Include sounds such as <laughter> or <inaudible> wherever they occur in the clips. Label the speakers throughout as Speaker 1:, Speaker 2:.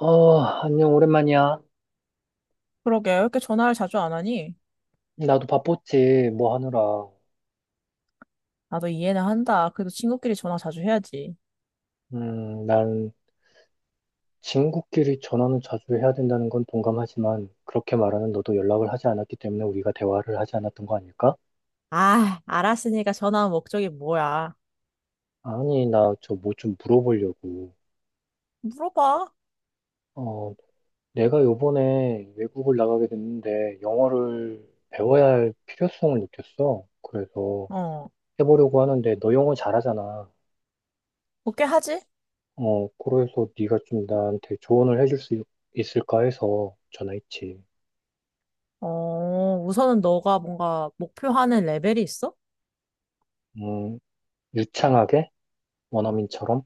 Speaker 1: 어, 안녕, 오랜만이야.
Speaker 2: 그러게, 왜 이렇게 전화를 자주 안 하니?
Speaker 1: 나도 바빴지, 뭐 하느라.
Speaker 2: 나도 이해는 한다. 그래도 친구끼리 전화 자주 해야지.
Speaker 1: 난 친구끼리 전화는 자주 해야 된다는 건 동감하지만, 그렇게 말하는 너도 연락을 하지 않았기 때문에 우리가 대화를 하지 않았던 거 아닐까?
Speaker 2: 아, 알았으니까 전화한 목적이 뭐야?
Speaker 1: 아니, 나 저 뭐 좀 물어보려고.
Speaker 2: 물어봐.
Speaker 1: 어, 내가 요번에 외국을 나가게 됐는데, 영어를 배워야 할 필요성을 느꼈어. 그래서
Speaker 2: 어,
Speaker 1: 해보려고 하는데, 너 영어 잘하잖아.
Speaker 2: 어떻게 하지?
Speaker 1: 어, 그래서 네가 좀 나한테 조언을 해줄 수 있을까 해서 전화했지.
Speaker 2: 어, 우선은 너가 뭔가 목표하는 레벨이 있어?
Speaker 1: 음, 유창하게? 원어민처럼?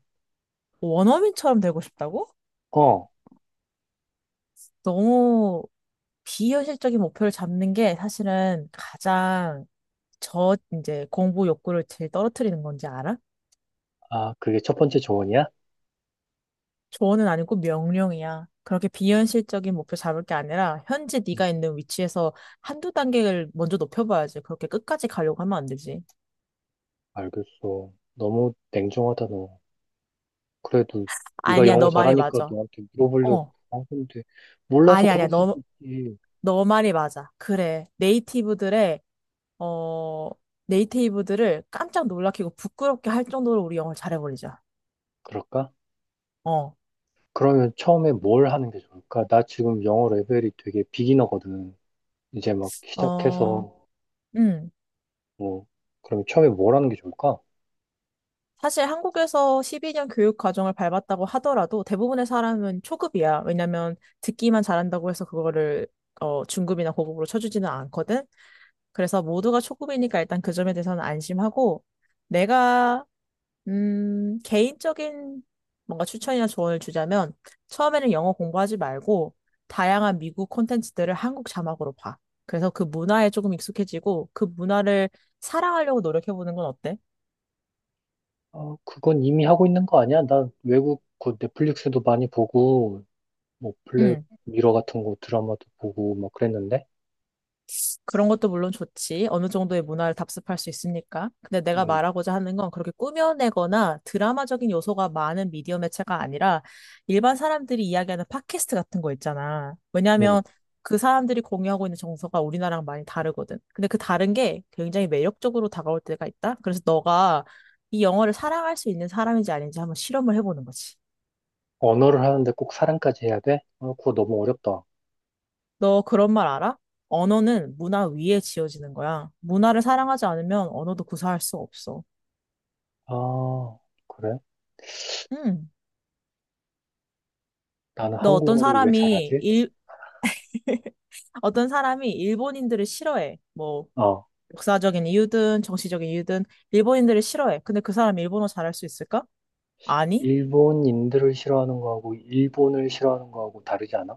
Speaker 2: 뭐 원어민처럼 되고 싶다고?
Speaker 1: 어,
Speaker 2: 너무 비현실적인 목표를 잡는 게 사실은 가장 저 이제 공부 욕구를 제일 떨어뜨리는 건지 알아?
Speaker 1: 아, 그게 첫 번째 조언이야?
Speaker 2: 조언은 아니고 명령이야. 그렇게 비현실적인 목표 잡을 게 아니라 현재
Speaker 1: 음,
Speaker 2: 네가 있는 위치에서 한두 단계를 먼저 높여봐야지. 그렇게 끝까지 가려고 하면 안 되지.
Speaker 1: 알겠어. 너무 냉정하다, 너. 그래도 네가
Speaker 2: 아니야,
Speaker 1: 영어
Speaker 2: 너 말이
Speaker 1: 잘하니까
Speaker 2: 맞아.
Speaker 1: 너한테 물어보려고
Speaker 2: 어,
Speaker 1: 한 건데, 몰라서
Speaker 2: 아니야,
Speaker 1: 그럴
Speaker 2: 아니야.
Speaker 1: 수도
Speaker 2: 너,
Speaker 1: 있지.
Speaker 2: 너 말이 맞아. 그래. 네이티브들의, 어, 네이티브들을 깜짝 놀라키고 부끄럽게 할 정도로 우리 영어를 잘해버리자.
Speaker 1: 그럴까?
Speaker 2: 어,
Speaker 1: 그러면 처음에 뭘 하는 게 좋을까? 나 지금 영어 레벨이 되게 비기너거든. 이제 막
Speaker 2: 어,
Speaker 1: 시작해서,
Speaker 2: 음.
Speaker 1: 뭐, 그럼 처음에 뭘 하는 게 좋을까?
Speaker 2: 사실 한국에서 12년 교육 과정을 밟았다고 하더라도 대부분의 사람은 초급이야. 왜냐면 듣기만 잘한다고 해서 그거를 어, 중급이나 고급으로 쳐주지는 않거든. 그래서 모두가 초급이니까 일단 그 점에 대해서는 안심하고 내가 개인적인 뭔가 추천이나 조언을 주자면 처음에는 영어 공부하지 말고 다양한 미국 콘텐츠들을 한국 자막으로 봐. 그래서 그 문화에 조금 익숙해지고 그 문화를 사랑하려고 노력해보는 건 어때?
Speaker 1: 어, 그건 이미 하고 있는 거 아니야? 나 외국 그 넷플릭스도 많이 보고, 뭐 블랙
Speaker 2: 응.
Speaker 1: 미러 같은 거 드라마도 보고 막 그랬는데,
Speaker 2: 그런 것도 물론 좋지. 어느 정도의 문화를 답습할 수 있으니까. 근데 내가
Speaker 1: 음.
Speaker 2: 말하고자 하는 건 그렇게 꾸며내거나 드라마적인 요소가 많은 미디어 매체가 아니라 일반 사람들이 이야기하는 팟캐스트 같은 거 있잖아.
Speaker 1: 응.
Speaker 2: 왜냐하면 그 사람들이 공유하고 있는 정서가 우리나라랑 많이 다르거든. 근데 그 다른 게 굉장히 매력적으로 다가올 때가 있다. 그래서 너가 이 영어를 사랑할 수 있는 사람인지 아닌지 한번 실험을 해보는 거지.
Speaker 1: 언어를 하는데 꼭 사랑까지 해야 돼? 아, 그거 너무 어렵다.
Speaker 2: 너 그런 말 알아? 언어는 문화 위에 지어지는 거야. 문화를 사랑하지 않으면 언어도 구사할 수 없어.
Speaker 1: 아, 그래?
Speaker 2: 음.
Speaker 1: 나는
Speaker 2: 너
Speaker 1: 한국어를 왜 잘하지?
Speaker 2: 어떤 사람이 일본인들을 싫어해. 뭐
Speaker 1: 어,
Speaker 2: 역사적인 이유든 정치적인 이유든 일본인들을 싫어해. 근데 그 사람이 일본어 잘할 수 있을까? 아니.
Speaker 1: 일본인들을 싫어하는 거하고 일본을 싫어하는 거하고 다르지 않아?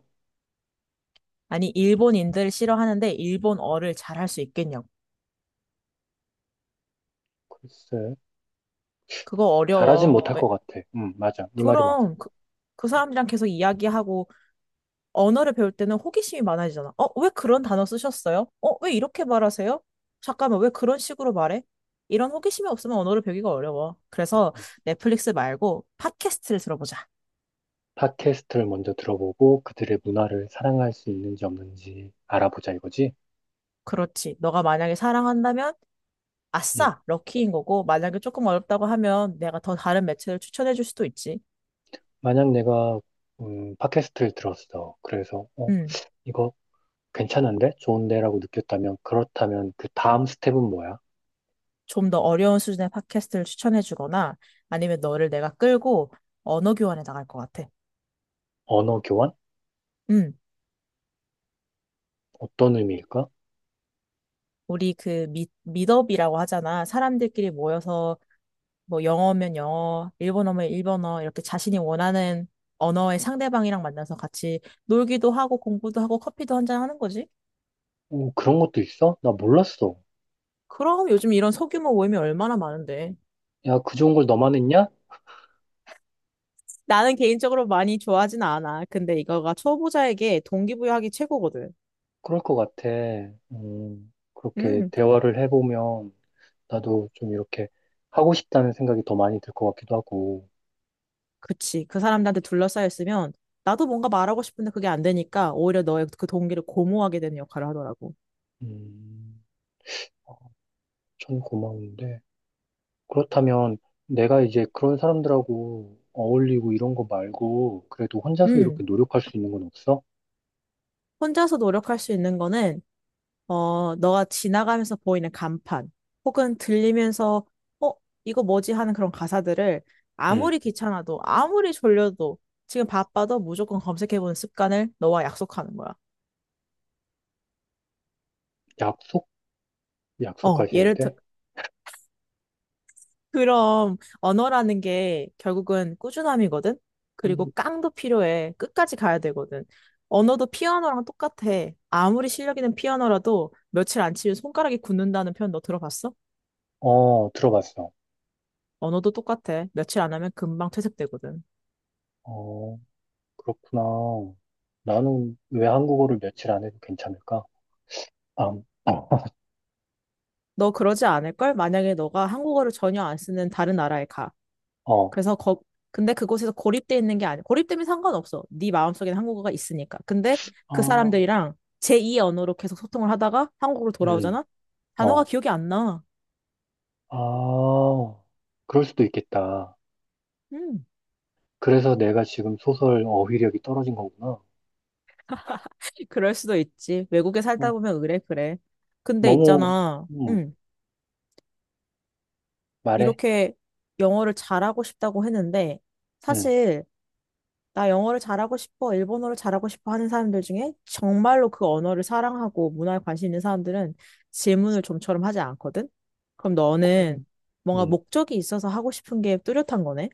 Speaker 2: 아니 일본인들을 싫어하는데 일본어를 잘할 수 있겠냐고.
Speaker 1: 글쎄,
Speaker 2: 그거
Speaker 1: 잘하진
Speaker 2: 어려워.
Speaker 1: 못할
Speaker 2: 왜?
Speaker 1: 것 같아. 응, 맞아. 네 말이 맞아.
Speaker 2: 그럼 그 사람들이랑 계속 이야기하고 언어를 배울 때는 호기심이 많아지잖아. 어, 왜 그런 단어 쓰셨어요? 어, 왜 이렇게 말하세요? 잠깐만, 왜 그런 식으로 말해? 이런 호기심이 없으면 언어를 배우기가 어려워. 그래서
Speaker 1: 음.
Speaker 2: 넷플릭스 말고 팟캐스트를 들어보자.
Speaker 1: 팟캐스트를 먼저 들어보고 그들의 문화를 사랑할 수 있는지 없는지 알아보자 이거지?
Speaker 2: 그렇지. 너가 만약에 사랑한다면
Speaker 1: 음.
Speaker 2: 아싸, 럭키인 거고, 만약에 조금 어렵다고 하면 내가 더 다른 매체를 추천해 줄 수도 있지.
Speaker 1: 만약 내가 팟캐스트를 들었어. 그래서 어,
Speaker 2: 음,
Speaker 1: 이거 괜찮은데? 좋은데라고 느꼈다면, 그렇다면 그 다음 스텝은 뭐야?
Speaker 2: 좀 더 어려운 수준의 팟캐스트를 추천해 주거나 아니면 너를 내가 끌고 언어 교환에 나갈 것 같아.
Speaker 1: 언어 교환?
Speaker 2: 음.
Speaker 1: 어떤 의미일까?
Speaker 2: 우리 그 미덥이라고 하잖아. 사람들끼리 모여서 뭐 영어면 영어, 일본어면 일본어 이렇게 자신이 원하는 언어의 상대방이랑 만나서 같이 놀기도 하고 공부도 하고 커피도 한잔 하는 거지.
Speaker 1: 오, 그런 것도 있어? 나 몰랐어.
Speaker 2: 그럼 요즘 이런 소규모 모임이 얼마나 많은데.
Speaker 1: 야, 그 좋은 걸 너만 했냐?
Speaker 2: 나는 개인적으로 많이 좋아하진 않아. 근데 이거가 초보자에게 동기부여하기 최고거든.
Speaker 1: 그럴 것 같아. 그렇게
Speaker 2: 음,
Speaker 1: 대화를 해보면 나도 좀 이렇게 하고 싶다는 생각이 더 많이 들 것 같기도 하고.
Speaker 2: 그치. 그 사람들한테 둘러싸였으면 나도 뭔가 말하고 싶은데 그게 안 되니까 오히려 너의 그 동기를 고무하게 되는 역할을 하더라고.
Speaker 1: 음, 전 고마운데. 그렇다면 내가 이제 그런 사람들하고 어울리고 이런 거 말고 그래도 혼자서 이렇게
Speaker 2: 음.
Speaker 1: 노력할 수 있는 건 없어?
Speaker 2: 혼자서 노력할 수 있는 거는, 어, 너가 지나가면서 보이는 간판, 혹은 들리면서, 어, 이거 뭐지 하는 그런 가사들을
Speaker 1: 응.
Speaker 2: 아무리 귀찮아도, 아무리 졸려도, 지금 바빠도 무조건 검색해보는 습관을 너와 약속하는 거야.
Speaker 1: 약속?
Speaker 2: 어,
Speaker 1: 약속까지 해야
Speaker 2: 예를 들,
Speaker 1: 돼?
Speaker 2: 그럼 언어라는 게 결국은 꾸준함이거든? 그리고
Speaker 1: 아니,
Speaker 2: 깡도 필요해. 끝까지 가야 되거든. 언어도 피아노랑 똑같아. 아무리 실력 있는 피아노라도 며칠 안 치면 손가락이 굳는다는 표현 너 들어봤어?
Speaker 1: 어, 들어봤어.
Speaker 2: 언어도 똑같아. 며칠 안 하면 금방 퇴색되거든.
Speaker 1: 어, 그렇구나. 나는 왜 한국어를 며칠 안 해도 괜찮을까? 아,
Speaker 2: 너 그러지 않을걸? 만약에 너가 한국어를 전혀 안 쓰는 다른 나라에 가.
Speaker 1: 어,
Speaker 2: 그래서 근데 그곳에서 고립돼 있는 게 아니야. 고립되면 상관없어. 네 마음속에는 한국어가 있으니까. 근데 그
Speaker 1: 아,
Speaker 2: 사람들이랑 제2의 언어로 계속 소통을 하다가 한국으로
Speaker 1: 음,
Speaker 2: 돌아오잖아? 단어가
Speaker 1: 어,
Speaker 2: 기억이 안 나.
Speaker 1: 아, 그럴 수도 있겠다.
Speaker 2: 음,
Speaker 1: 그래서 내가 지금 소설 어휘력이 떨어진 거구나.
Speaker 2: 그럴 수도 있지. 외국에 살다
Speaker 1: 어,
Speaker 2: 보면 그래, 그래. 근데
Speaker 1: 너무,
Speaker 2: 있잖아.
Speaker 1: 음, 말해.
Speaker 2: 이렇게 영어를 잘하고 싶다고 했는데
Speaker 1: 음,
Speaker 2: 사실 나 영어를 잘하고 싶어, 일본어를 잘하고 싶어 하는 사람들 중에 정말로 그 언어를 사랑하고 문화에 관심 있는 사람들은 질문을 좀처럼 하지 않거든? 그럼 너는 뭔가
Speaker 1: 음,
Speaker 2: 목적이 있어서 하고 싶은 게 뚜렷한 거네?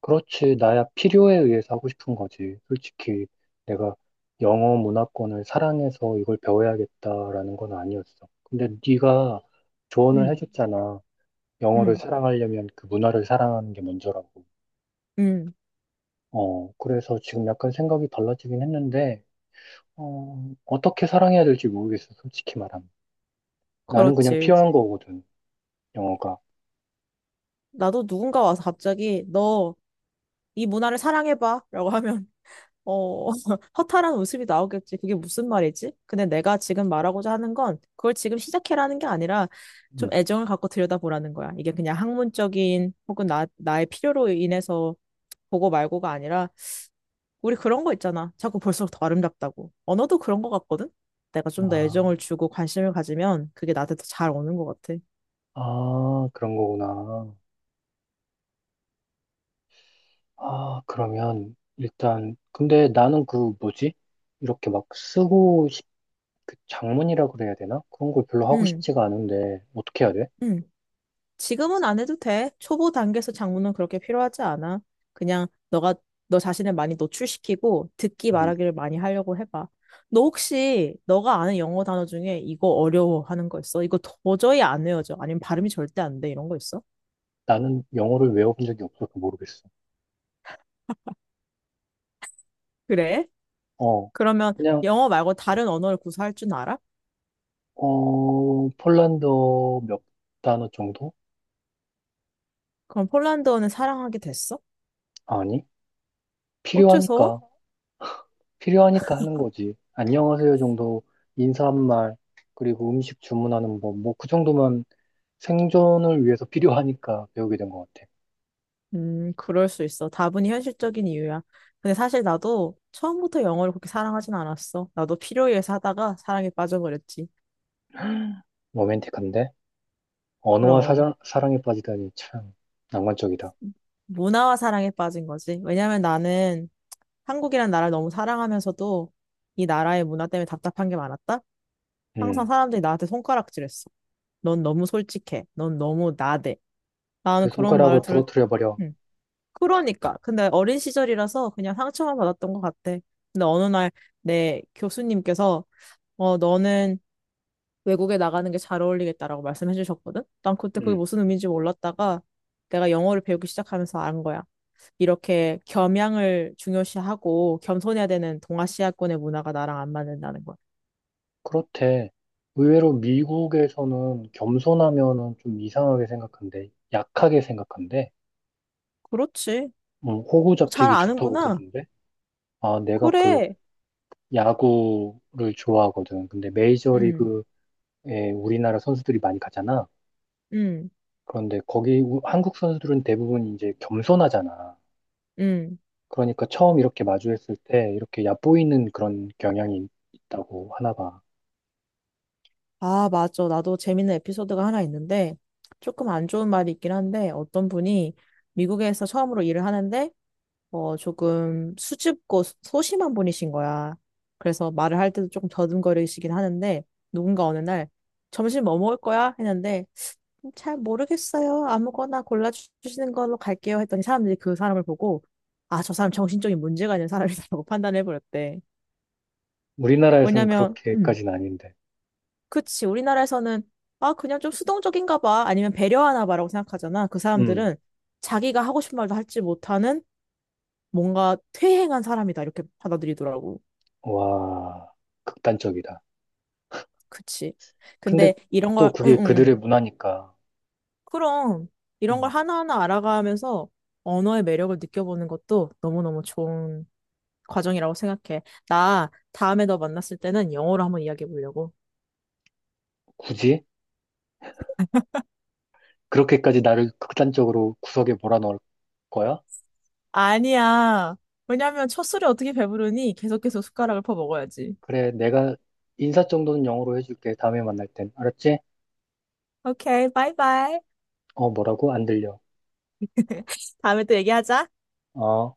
Speaker 1: 그렇지. 나야 필요에 의해서 하고 싶은 거지. 솔직히 내가 영어 문화권을 사랑해서 이걸 배워야겠다라는 건 아니었어. 근데 네가 조언을
Speaker 2: 응,
Speaker 1: 해줬잖아. 영어를
Speaker 2: 응,
Speaker 1: 사랑하려면 그 문화를 사랑하는 게 먼저라고.
Speaker 2: 응.
Speaker 1: 어, 그래서 지금 약간 생각이 달라지긴 했는데, 어, 어떻게 사랑해야 될지 모르겠어. 솔직히 말하면. 나는 그냥
Speaker 2: 그렇지.
Speaker 1: 필요한 거거든. 영어가.
Speaker 2: 나도 누군가 와서 갑자기 너 이 문화를 사랑해봐 라고 하면 어, <laughs> 허탈한 웃음이 나오겠지. 그게 무슨 말이지? 근데 내가 지금 말하고자 하는 건 그걸 지금 시작해라는 게 아니라 좀
Speaker 1: 응.
Speaker 2: 애정을 갖고 들여다보라는 거야. 이게 그냥 학문적인 혹은 나의 필요로 인해서 보고 말고가 아니라 우리 그런 거 있잖아. 자꾸 볼수록 더 아름답다고. 언어도 그런 거 같거든? 내가 좀 더
Speaker 1: 아,
Speaker 2: 애정을 주고 관심을 가지면 그게 나한테 더 잘 오는 것 같아.
Speaker 1: 아, 그런 거구나. 아, 그러면 일단 근데 나는 그 뭐지? 이렇게 막 쓰고 싶, 그 장문이라 그래야 되나? 그런 걸 별로 하고
Speaker 2: 응,
Speaker 1: 싶지가 않은데 어떻게 해야 돼?
Speaker 2: 응. 지금은 안 해도 돼. 초보 단계에서 장문은 그렇게 필요하지 않아. 그냥 너가 너 자신을 많이 노출시키고 듣기
Speaker 1: 음,
Speaker 2: 말하기를 많이 하려고 해봐. 너 혹시 너가 아는 영어 단어 중에 이거 어려워 하는 거 있어? 이거 도저히 안 외워져. 아니면 발음이 절대 안 돼. 이런 거 있어?
Speaker 1: 나는 영어를 외워본 적이 없어서 모르겠어.
Speaker 2: 그래?
Speaker 1: 어,
Speaker 2: 그러면
Speaker 1: 그냥
Speaker 2: 영어 말고 다른 언어를 구사할 줄 알아?
Speaker 1: 어 폴란드어 몇 단어 정도?
Speaker 2: 그럼 폴란드어는 사랑하게 됐어?
Speaker 1: 아니, 필요하니까
Speaker 2: 어째서?
Speaker 1: 필요하니까 하는 거지. 안녕하세요 정도 인사말 그리고 음식 주문하는 법 뭐 그 정도만 생존을 위해서 <laughs> 필요하니까 배우게 된 것 같아.
Speaker 2: 그럴 수 있어. 다분히 현실적인 이유야. 근데 사실 나도 처음부터 영어를 그렇게 사랑하진 않았어. 나도 필요에 의해서 하다가 사랑에 빠져버렸지.
Speaker 1: 로맨틱한데? 언어와
Speaker 2: 그럼.
Speaker 1: 사랑에 빠지다니 참 낭만적이다.
Speaker 2: 문화와 사랑에 빠진 거지. 왜냐면 나는 한국이란 나라를 너무 사랑하면서도 이 나라의 문화 때문에 답답한 게 많았다? 항상
Speaker 1: 음,
Speaker 2: 사람들이 나한테 손가락질했어. 넌 너무 솔직해. 넌 너무 나대.
Speaker 1: 그
Speaker 2: 나는 그런 말을
Speaker 1: 손가락을
Speaker 2: 들을,
Speaker 1: 부러뜨려 버려.
Speaker 2: 음. 그러니까. 근데 어린 시절이라서 그냥 상처만 받았던 것 같아. 근데 어느 날 내 교수님께서 어, 너는 외국에 나가는 게 잘 어울리겠다라고 말씀해 주셨거든? 난 그때 그게
Speaker 1: 음,
Speaker 2: 무슨 의미인지 몰랐다가 내가 영어를 배우기 시작하면서 안 거야. 이렇게 겸양을 중요시하고 겸손해야 되는 동아시아권의 문화가 나랑 안 맞는다는 거야.
Speaker 1: 그렇대. 의외로 미국에서는 겸손하면은 좀 이상하게 생각한대. 약하게 생각한대.
Speaker 2: 그렇지.
Speaker 1: 호구
Speaker 2: 어, 잘
Speaker 1: 잡히기 좋다고
Speaker 2: 아는구나.
Speaker 1: 그러던데. 아, 내가 그
Speaker 2: 그래.
Speaker 1: 야구를 좋아하거든. 근데
Speaker 2: 응,
Speaker 1: 메이저리그에 우리나라 선수들이 많이 가잖아.
Speaker 2: 응,
Speaker 1: 그런데 거기 한국 선수들은 대부분 이제 겸손하잖아.
Speaker 2: 응.
Speaker 1: 그러니까 처음 이렇게 마주했을 때 이렇게 얕보이는 그런 경향이 있다고 하나 봐.
Speaker 2: 아, 맞아. 나도 재밌는 에피소드가 하나 있는데 조금 안 좋은 말이 있긴 한데 어떤 분이 미국에서 처음으로 일을 하는데 어, 조금 수줍고 소심한 분이신 거야. 그래서 말을 할 때도 조금 더듬거리시긴 하는데, 누군가 어느 날, 점심 뭐 먹을 거야? 했는데, 잘 모르겠어요. 아무거나 골라주시는 걸로 갈게요. 했더니 사람들이 그 사람을 보고, 아, 저 사람 정신적인 문제가 있는 사람이라고 <laughs> 판단해버렸대.
Speaker 1: 우리나라에선
Speaker 2: 왜냐면,
Speaker 1: 그렇게까지는 아닌데.
Speaker 2: 그치. 우리나라에서는, 아, 그냥 좀 수동적인가 봐. 아니면 배려하나 봐라고 생각하잖아. 그
Speaker 1: 음,
Speaker 2: 사람들은 자기가 하고 싶은 말도 할지 못하는 뭔가 퇴행한 사람이다. 이렇게 받아들이더라고.
Speaker 1: 와, 극단적이다.
Speaker 2: 그치.
Speaker 1: 근데
Speaker 2: 근데 이런
Speaker 1: 또
Speaker 2: 걸, 응,
Speaker 1: 그게
Speaker 2: 응,
Speaker 1: 그들의
Speaker 2: 응.
Speaker 1: 문화니까
Speaker 2: 그럼 이런 걸
Speaker 1: 음,
Speaker 2: 하나하나 알아가면서 언어의 매력을 느껴보는 것도 너무너무 좋은 과정이라고 생각해. 나 다음에 너 만났을 때는 영어로 한번 이야기해 보려고.
Speaker 1: 굳이 그렇게까지 나를 극단적으로 구석에 몰아넣을 거야?
Speaker 2: 아니야. 왜냐면 첫 술에 어떻게 배부르니? 계속 계속 숟가락을 퍼 먹어야지.
Speaker 1: 그래, 내가 인사 정도는 영어로 해줄게. 다음에 만날 땐. 알았지?
Speaker 2: 오케이, 바이바이.
Speaker 1: 어, 뭐라고? 안 들려.
Speaker 2: <laughs> 다음에 또 얘기하자.
Speaker 1: 어.